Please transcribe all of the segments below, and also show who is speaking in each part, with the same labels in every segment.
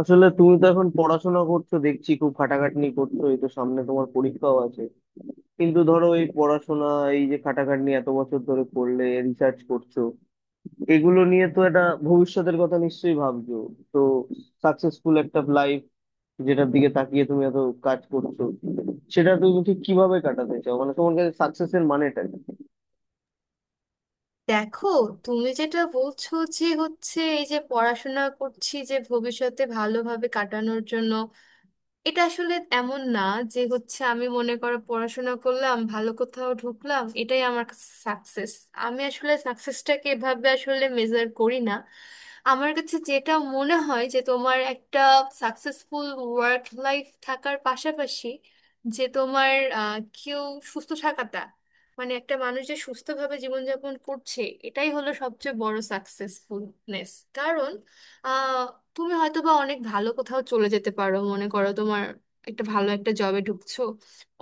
Speaker 1: আসলে তুমি তো এখন পড়াশোনা করছো, দেখছি খুব খাটাখাটনি করছো, এই তো সামনে তোমার পরীক্ষাও আছে। কিন্তু ধরো, এই পড়াশোনা, এই যে খাটাখাটনি এত বছর ধরে করলে, রিসার্চ করছো, এগুলো নিয়ে তো একটা ভবিষ্যতের কথা নিশ্চয়ই ভাবছো। তো সাকসেসফুল একটা লাইফ যেটার দিকে তাকিয়ে তুমি এত কাজ করছো, সেটা তুমি ঠিক কিভাবে কাটাতে চাও, মানে তোমার কাছে সাকসেসের মানেটা কি?
Speaker 2: দেখো, তুমি যেটা বলছো যে হচ্ছে এই যে পড়াশোনা করছি যে ভবিষ্যতে ভালোভাবে কাটানোর জন্য, এটা আসলে এমন না যে হচ্ছে আমি মনে করো পড়াশোনা করলাম, ভালো কোথাও ঢুকলাম, এটাই আমার সাকসেস। আমি আসলে সাকসেসটাকে এভাবে আসলে মেজার করি না। আমার কাছে যেটা মনে হয় যে তোমার একটা সাকসেসফুল ওয়ার্ক লাইফ থাকার পাশাপাশি যে তোমার কেউ সুস্থ থাকাটা, মানে একটা মানুষ যে সুস্থভাবে জীবনযাপন করছে, এটাই হলো সবচেয়ে বড় সাকসেসফুলনেস। কারণ আহ, তুমি হয়তো বা অনেক ভালো কোথাও চলে যেতে পারো, মনে করো তোমার একটা ভালো একটা জবে ঢুকছো,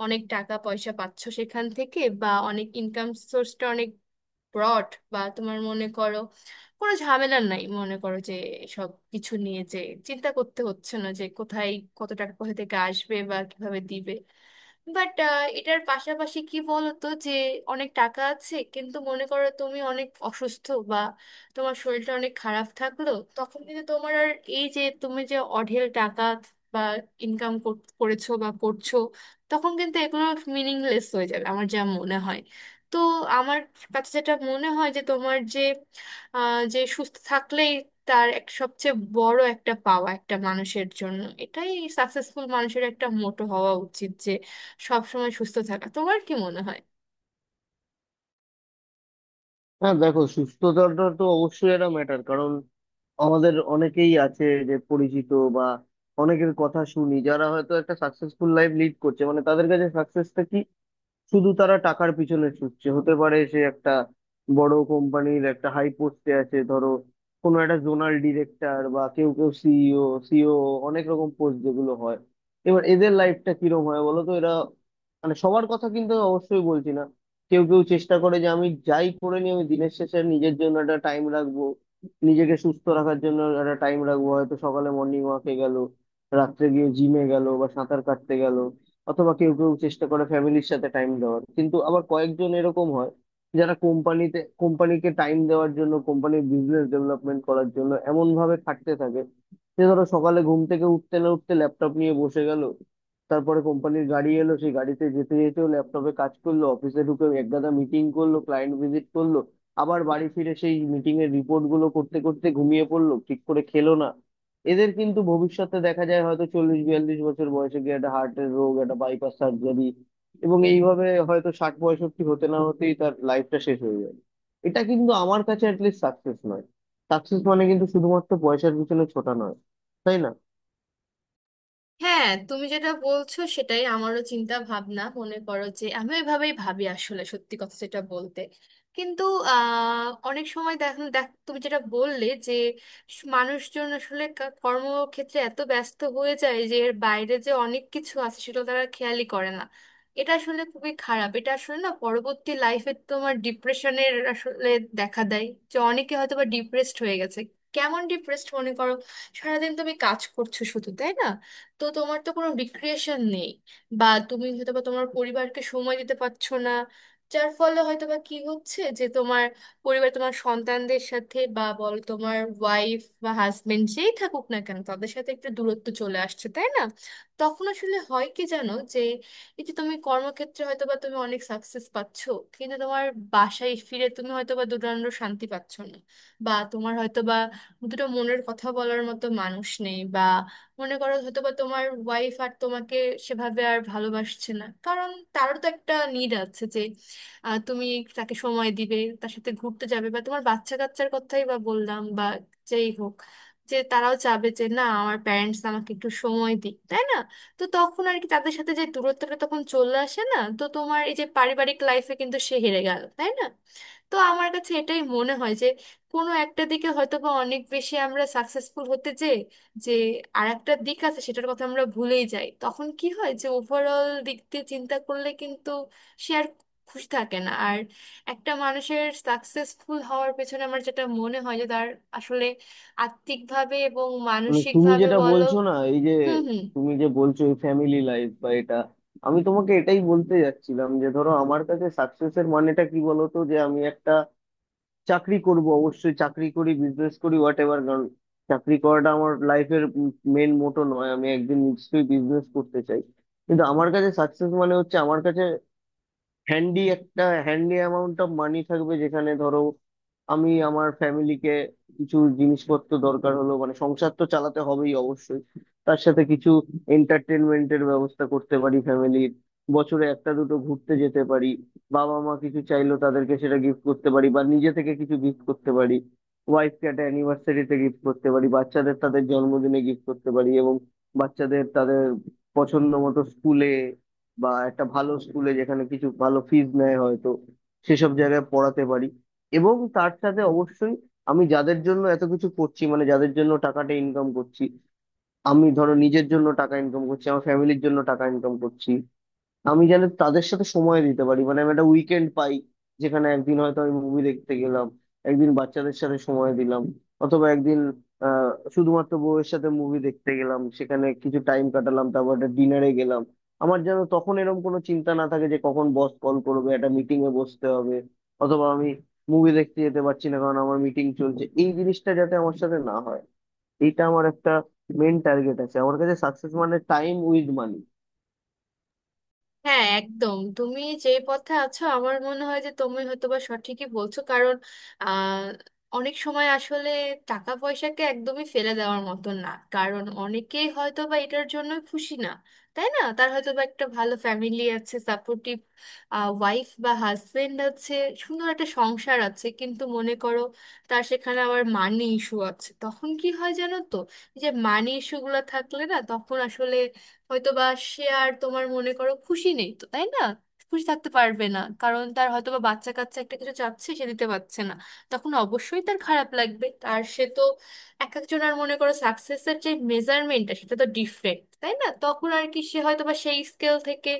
Speaker 2: অনেক টাকা পয়সা পাচ্ছো সেখান থেকে, বা অনেক ইনকাম সোর্সটা অনেক ব্রড, বা তোমার মনে করো কোনো ঝামেলা নাই, মনে করো যে সব কিছু নিয়ে যে চিন্তা করতে হচ্ছে না যে কোথায় কত টাকা কোথা থেকে আসবে বা কিভাবে দিবে। বাট এটার পাশাপাশি কি বলতো যে অনেক টাকা আছে, কিন্তু মনে করো তুমি অনেক অসুস্থ, বা তোমার শরীরটা অনেক খারাপ থাকলো, তখন কিন্তু তোমার আর এই যে তুমি যে অঢেল টাকা বা ইনকাম করেছো বা করছো, তখন কিন্তু এগুলো মিনিংলেস হয়ে যাবে আমার যা মনে হয়। তো আমার কাছে যেটা মনে হয় যে তোমার যে যে সুস্থ থাকলেই তার এক সবচেয়ে বড় একটা পাওয়া, একটা মানুষের জন্য এটাই। সাকসেসফুল মানুষের একটা মোটো হওয়া উচিত যে সবসময় সুস্থ থাকা। তোমার কি মনে হয়?
Speaker 1: হ্যাঁ দেখো, সুস্থতাটা তো অবশ্যই একটা ম্যাটার, কারণ আমাদের অনেকেই আছে যে পরিচিত, বা অনেকের কথা শুনি যারা হয়তো একটা সাকসেসফুল লাইফ লিড করছে, মানে তাদের কাছে সাকসেসটা কি শুধু তারা টাকার পিছনে ছুটছে। হতে পারে সে একটা বড় কোম্পানির একটা হাই পোস্টে আছে, ধরো কোনো একটা জোনাল ডিরেক্টর, বা কেউ কেউ সিইও, সিও, অনেক রকম পোস্ট যেগুলো হয়। এবার এদের লাইফটা কিরম হয় বলো তো? এরা মানে সবার কথা কিন্তু আমি অবশ্যই বলছি না। কেউ কেউ চেষ্টা করে যে আমি যাই করে নিই আমি দিনের শেষে নিজের জন্য একটা টাইম রাখবো, নিজেকে সুস্থ রাখার জন্য একটা টাইম রাখবো, হয়তো সকালে মর্নিং ওয়াকে গেল, রাত্রে গিয়ে জিমে গেল বা সাঁতার কাটতে গেল, অথবা কেউ কেউ চেষ্টা করে ফ্যামিলির সাথে টাইম দেওয়ার। কিন্তু আবার কয়েকজন এরকম হয় যারা কোম্পানিকে টাইম দেওয়ার জন্য, কোম্পানির বিজনেস ডেভেলপমেন্ট করার জন্য এমন ভাবে খাটতে থাকে যে ধরো সকালে ঘুম থেকে উঠতে না উঠতে ল্যাপটপ নিয়ে বসে গেল, তারপরে কোম্পানির গাড়ি এলো, সেই গাড়িতে যেতে যেতেও ল্যাপটপে কাজ করলো, অফিসে ঢুকে একগাদা মিটিং করলো, ক্লায়েন্ট ভিজিট করলো, আবার বাড়ি ফিরে সেই মিটিং এর রিপোর্ট গুলো করতে করতে ঘুমিয়ে পড়লো, ঠিক করে খেলো না। এদের কিন্তু ভবিষ্যতে দেখা যায় হয়তো 40-42 বছর বয়সে গিয়ে একটা হার্টের রোগ, একটা বাইপাস সার্জারি, এবং এইভাবে হয়তো 60-65 হতে না হতেই তার লাইফটা শেষ হয়ে যাবে। এটা কিন্তু আমার কাছে অ্যাটলিস্ট সাকসেস নয়। সাকসেস মানে কিন্তু শুধুমাত্র পয়সার পিছনে ছোটা নয়, তাই না?
Speaker 2: হ্যাঁ, তুমি যেটা বলছো সেটাই আমারও চিন্তা ভাবনা, মনে করো যে আমি ওইভাবেই ভাবি আসলে, সত্যি কথা যেটা বলতে। কিন্তু অনেক সময় দেখ, তুমি যেটা বললে যে মানুষজন আসলে কর্মক্ষেত্রে এত ব্যস্ত হয়ে যায় যে এর বাইরে যে অনেক কিছু আছে সেটা তারা খেয়ালই করে না। এটা আসলে খুবই খারাপ, এটা আসলে না পরবর্তী লাইফে তোমার ডিপ্রেশনের আসলে দেখা দেয় যে অনেকে হয়তো বা ডিপ্রেসড হয়ে গেছে। কেমন ডিপ্রেসড? মনে করো সারাদিন তুমি কাজ করছো, শুধু তাই না, তো তোমার তো কোনো রিক্রিয়েশন নেই, বা তুমি হয়তো বা তোমার পরিবারকে সময় দিতে পারছো না, যার ফলে হয়তো বা কি হচ্ছে যে তোমার পরিবার, তোমার সন্তানদের সাথে বা বলো তোমার ওয়াইফ বা হাজবেন্ড যেই থাকুক না কেন, তাদের সাথে একটা দূরত্ব চলে আসছে, তাই না? তখন আসলে হয় কি জানো, যে এই যে তুমি কর্মক্ষেত্রে হয়তো বা তুমি অনেক সাকসেস পাচ্ছ, কিন্তু তোমার বাসায় ফিরে তুমি হয়তো বা দুদণ্ড শান্তি পাচ্ছ না, বা তোমার হয়তো বা দুটো মনের কথা বলার মতো মানুষ নেই, বা মনে করো হয়তো বা তোমার ওয়াইফ আর তোমাকে সেভাবে আর ভালোবাসছে না, কারণ তারও তো একটা নিড আছে যে তুমি তাকে সময় দিবে, তার সাথে ঘুরতে যাবে, বা তোমার বাচ্চা কাচ্চার কথাই বা বললাম, বা যেই হোক, যে তারাও চাবে যে না, আমার প্যারেন্টস আমাকে একটু সময় দিক, তাই না? তো তখন আর কি, তাদের সাথে যে দূরত্বটা তখন চলে আসে না, তো তোমার এই যে পারিবারিক লাইফে কিন্তু সে হেরে গেল, তাই না? তো আমার কাছে এটাই মনে হয় যে কোনো একটা দিকে হয়তো বা অনেক বেশি আমরা সাকসেসফুল হতে চাই যে আর একটা দিক আছে সেটার কথা আমরা ভুলেই যাই। তখন কি হয় যে ওভারঅল দিক দিয়ে চিন্তা করলে কিন্তু সে আর খুশি থাকে না। আর একটা মানুষের সাকসেসফুল হওয়ার পেছনে আমার যেটা মনে হয় যে তার আসলে আত্মিকভাবে এবং
Speaker 1: মানে তুমি
Speaker 2: মানসিকভাবে
Speaker 1: যেটা
Speaker 2: বলো।
Speaker 1: বলছো না, এই যে
Speaker 2: হুম, হুম।
Speaker 1: তুমি যে বলছো এই ফ্যামিলি লাইফ বা এটা, আমি তোমাকে এটাই বলতে যাচ্ছিলাম যে ধরো আমার কাছে সাকসেসের মানেটা কি বলতো। যে আমি একটা চাকরি করব, অবশ্যই চাকরি করি বিজনেস করি হোয়াট এভার, কারণ চাকরি করাটা আমার লাইফের মেন মোটো নয়, আমি একদিন নিশ্চয়ই বিজনেস করতে চাই। কিন্তু আমার কাছে সাকসেস মানে হচ্ছে, আমার কাছে হ্যান্ডি অ্যামাউন্ট অফ মানি থাকবে, যেখানে ধরো আমি আমার ফ্যামিলিকে, কিছু জিনিসপত্র দরকার হলো, মানে সংসার তো চালাতে হবেই অবশ্যই, তার সাথে কিছু এন্টারটেনমেন্টের ব্যবস্থা করতে পারি ফ্যামিলির, বছরে একটা দুটো ঘুরতে যেতে পারি, বাবা মা কিছু চাইলো তাদেরকে সেটা গিফট করতে পারি বা নিজে থেকে কিছু গিফট করতে পারি, ওয়াইফকে একটা অ্যানিভার্সারিতে গিফট করতে পারি, বাচ্চাদের তাদের জন্মদিনে গিফট করতে পারি, এবং বাচ্চাদের তাদের পছন্দ মতো স্কুলে বা একটা ভালো স্কুলে যেখানে কিছু ভালো ফিজ নেয় হয়তো, সেসব জায়গায় পড়াতে পারি। এবং তার সাথে অবশ্যই আমি যাদের জন্য এত কিছু করছি, মানে যাদের জন্য টাকাটা ইনকাম করছি, আমি ধরো নিজের জন্য টাকা ইনকাম করছি, আমার ফ্যামিলির জন্য টাকা ইনকাম করছি, আমি যেন তাদের সাথে সময় দিতে পারি, মানে আমি একটা উইকেন্ড পাই যেখানে একদিন হয়তো আমি মুভি দেখতে গেলাম, একদিন বাচ্চাদের সাথে সময় দিলাম, অথবা একদিন আহ শুধুমাত্র বউয়ের সাথে মুভি দেখতে গেলাম, সেখানে কিছু টাইম কাটালাম, তারপর একটা ডিনারে গেলাম। আমার যেন তখন এরকম কোনো চিন্তা না থাকে যে কখন বস কল করবে, একটা মিটিং এ বসতে হবে, অথবা আমি মুভি দেখতে যেতে পারছি না কারণ আমার মিটিং চলছে, এই জিনিসটা যাতে আমার সাথে না হয়। এটা আমার একটা মেন টার্গেট আছে, আমার কাছে সাকসেস মানে টাইম উইথ মানি।
Speaker 2: হ্যাঁ, একদম, তুমি যেই পথে আছো আমার মনে হয় যে তুমি হয়তোবা সঠিকই বলছো। কারণ আহ, অনেক সময় আসলে টাকা পয়সাকে একদমই ফেলে দেওয়ার মতো না, কারণ অনেকেই হয়তোবা এটার জন্য খুশি না, তাই না? তার হয়তো বা একটা ভালো ফ্যামিলি আছে, সাপোর্টিভ ওয়াইফ বা হাজবেন্ড আছে, সুন্দর একটা সংসার আছে, কিন্তু মনে করো তার সেখানে আবার মানি ইস্যু আছে। তখন কি হয় জানো তো, এই যে মানি ইস্যুগুলো থাকলে না, তখন আসলে হয়তো বা সে আর তোমার মনে করো খুশি নেই তো, তাই না? খুশি থাকতে পারবে না, কারণ তার হয়তো বা বাচ্চা কাচ্চা একটা কিছু চাচ্ছে, সে দিতে পারছে না, তখন অবশ্যই তার খারাপ লাগবে। আর সে তো এক একজনের মনে করো সাকসেসের যে মেজারমেন্টটা, সেটা তো ডিফারেন্ট, তাই না? তখন আর কি সে হয়তো বা সেই স্কেল থেকে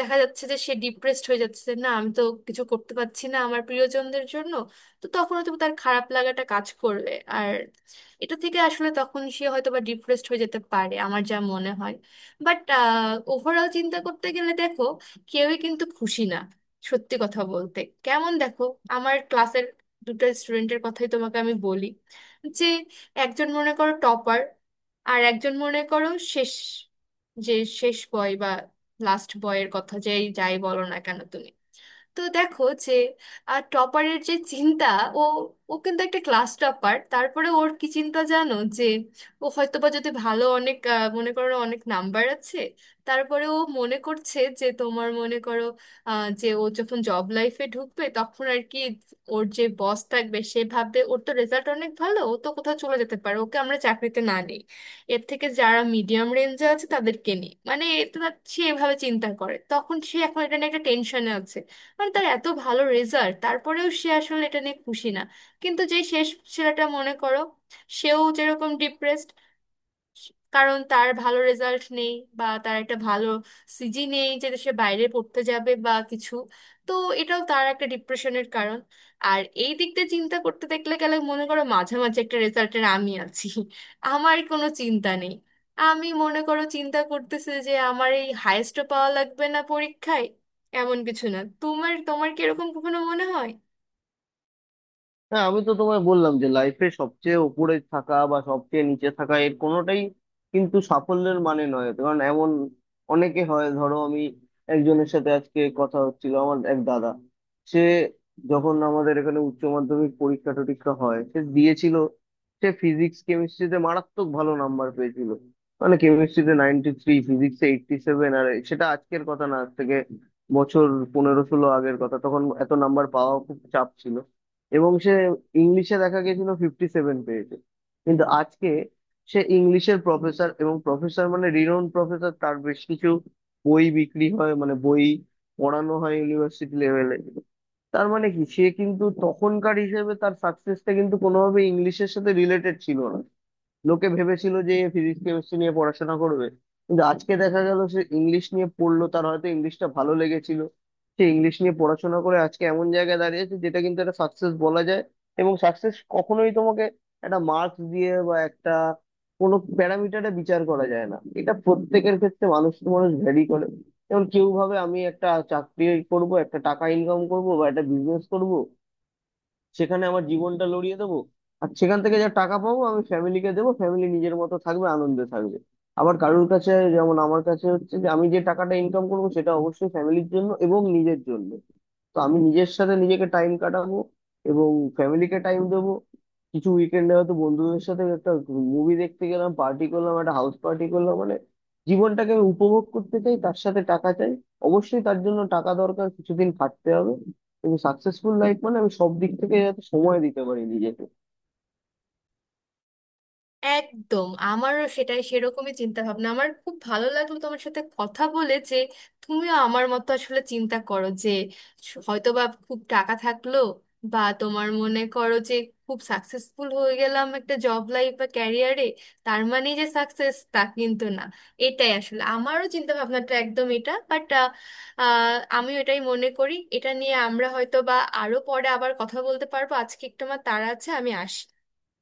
Speaker 2: দেখা যাচ্ছে যে সে ডিপ্রেসড হয়ে যাচ্ছে না, আমি তো কিছু করতে পারছি না আমার প্রিয়জনদের জন্য। তো তখন হয়তো তার খারাপ লাগাটা কাজ করবে, আর এটা থেকে আসলে তখন সে হয়তো বা ডিপ্রেসড হয়ে যেতে পারে আমার যা মনে হয়। বাট ওভারঅল চিন্তা করতে গেলে দেখো, কেউই কিন্তু খুশি না, সত্যি কথা বলতে। কেমন? দেখো, আমার ক্লাসের দুটো স্টুডেন্টের কথাই তোমাকে আমি বলি, যে একজন মনে করো টপার, আর একজন মনে করো শেষ, যে শেষ বয় বা লাস্ট বয়ের কথা যেই যাই বলো না কেন তুমি। তো দেখো যে টপারের যে চিন্তা, ও ও কিন্তু একটা ক্লাস টপার, তারপরে ওর কি চিন্তা জানো, যে ও হয়তো বা যদি ভালো অনেক মনে করো অনেক নাম্বার আছে, তারপরে ও মনে করছে যে তোমার মনে করো যে ও যখন জব লাইফে ঢুকবে, তখন আর কি ওর যে বস থাকবে সে ভাববে ওর তো রেজাল্ট অনেক ভালো, ও তো কোথাও চলে যেতে পারে, ওকে আমরা চাকরিতে না নিই, এর থেকে যারা মিডিয়াম রেঞ্জে আছে তাদেরকে নিই, মানে এটা সে এভাবে চিন্তা করে, তখন সে এখন এটা নিয়ে একটা টেনশনে আছে, মানে তার এত ভালো রেজাল্ট তারপরেও সে আসলে এটা নিয়ে খুশি না। কিন্তু যেই শেষ ছেলেটা মনে করো, সেও যেরকম ডিপ্রেসড, কারণ তার ভালো রেজাল্ট নেই, বা তার একটা ভালো সিজি নেই যে সে বাইরে পড়তে যাবে বা কিছু। তো এটাও তার একটা ডিপ্রেশনের কারণ। আর এই দিক দিয়ে চিন্তা করতে দেখলে গেলে মনে করো মাঝামাঝি একটা রেজাল্টের আমি আছি। আমার কোনো চিন্তা নেই, আমি মনে করো চিন্তা করতেছি যে আমার এই হায়েস্টও পাওয়া লাগবে না পরীক্ষায়, এমন কিছু না। তোমার তোমার কি এরকম কখনো মনে হয়?
Speaker 1: হ্যাঁ, আমি তো তোমায় বললাম যে লাইফে সবচেয়ে উপরে থাকা বা সবচেয়ে নিচে থাকা এর কোনোটাই কিন্তু সাফল্যের মানে নয়। কারণ এমন অনেকে হয়, ধরো আমি একজনের সাথে আজকে কথা হচ্ছিল, আমার এক দাদা, সে যখন আমাদের এখানে উচ্চ মাধ্যমিক পরীক্ষা টরীক্ষা হয় সে দিয়েছিল, সে ফিজিক্স কেমিস্ট্রিতে মারাত্মক ভালো নাম্বার পেয়েছিল, মানে কেমিস্ট্রিতে 93, ফিজিক্সে 87, আর সেটা আজকের কথা না, আজ থেকে বছর 15-16 আগের কথা, তখন এত নাম্বার পাওয়া খুব চাপ ছিল। এবং সে ইংলিশে দেখা গেছিল 57 পেয়েছে, কিন্তু আজকে সে ইংলিশের প্রফেসর, এবং প্রফেসর মানে রিনোন প্রফেসর, তার বেশ কিছু বই বিক্রি হয়, মানে বই পড়ানো হয় ইউনিভার্সিটি লেভেলে। তার মানে কি? সে কিন্তু তখনকার হিসেবে তার সাকসেসটা কিন্তু কোনোভাবে ইংলিশের সাথে রিলেটেড ছিল। লোকে ভেবেছিল যে ফিজিক্স কেমিস্ট্রি নিয়ে পড়াশোনা করবে, কিন্তু আজকে দেখা গেল সে ইংলিশ নিয়ে পড়লো, তার হয়তো ইংলিশটা ভালো লেগেছিল। সে ইংলিশ নিয়ে পড়াশোনা করে আজকে এমন জায়গায় দাঁড়িয়েছে যেটা কিন্তু একটা সাকসেস বলা যায়। এবং সাকসেস কখনোই তোমাকে একটা মার্কস দিয়ে বা একটা কোনো প্যারামিটারে বিচার করা যায় না, এটা প্রত্যেকের ক্ষেত্রে মানুষ টু মানুষ ভ্যারি করে। যেমন কেউ ভাবে আমি একটা চাকরি করব, একটা টাকা ইনকাম করব বা একটা বিজনেস করব, সেখানে আমার জীবনটা লড়িয়ে দেবো, আর সেখান থেকে যা টাকা পাবো আমি ফ্যামিলিকে দেবো, ফ্যামিলি নিজের মতো থাকবে, আনন্দে থাকবে। আবার কারোর কাছে, যেমন আমার কাছে হচ্ছে, যে আমি যে টাকাটা ইনকাম করবো সেটা অবশ্যই ফ্যামিলির জন্য এবং নিজের জন্য। তো আমি নিজের সাথে নিজেকে টাইম কাটাবো এবং ফ্যামিলিকে টাইম দেবো, কিছু উইকেন্ডে হয়তো বন্ধুদের সাথে একটা মুভি দেখতে গেলাম, পার্টি করলাম, একটা হাউস পার্টি করলাম, মানে জীবনটাকে আমি উপভোগ করতে চাই, তার সাথে টাকা চাই। অবশ্যই তার জন্য টাকা দরকার, কিছুদিন খাটতে হবে, কিন্তু সাকসেসফুল লাইফ মানে আমি সব দিক থেকে যাতে সময় দিতে পারি নিজেকে।
Speaker 2: একদম, আমারও সেরকমই চিন্তা ভাবনা। আমার খুব ভালো লাগলো তোমার সাথে কথা বলে যে তুমিও আমার মতো আসলে চিন্তা করো, যে হয়তো বা খুব টাকা থাকলো বা তোমার মনে করো যে খুব সাকসেসফুল হয়ে গেলাম একটা জব লাইফ বা ক্যারিয়ারে, তার মানে যে সাকসেস তা কিন্তু না। এটাই আসলে আমারও চিন্তা ভাবনাটা একদম এটা। বাট আমি এটাই মনে করি এটা নিয়ে আমরা হয়তো বা আরো পরে আবার কথা বলতে পারবো, আজকে একটু আমার তাড়া আছে, আমি আসি।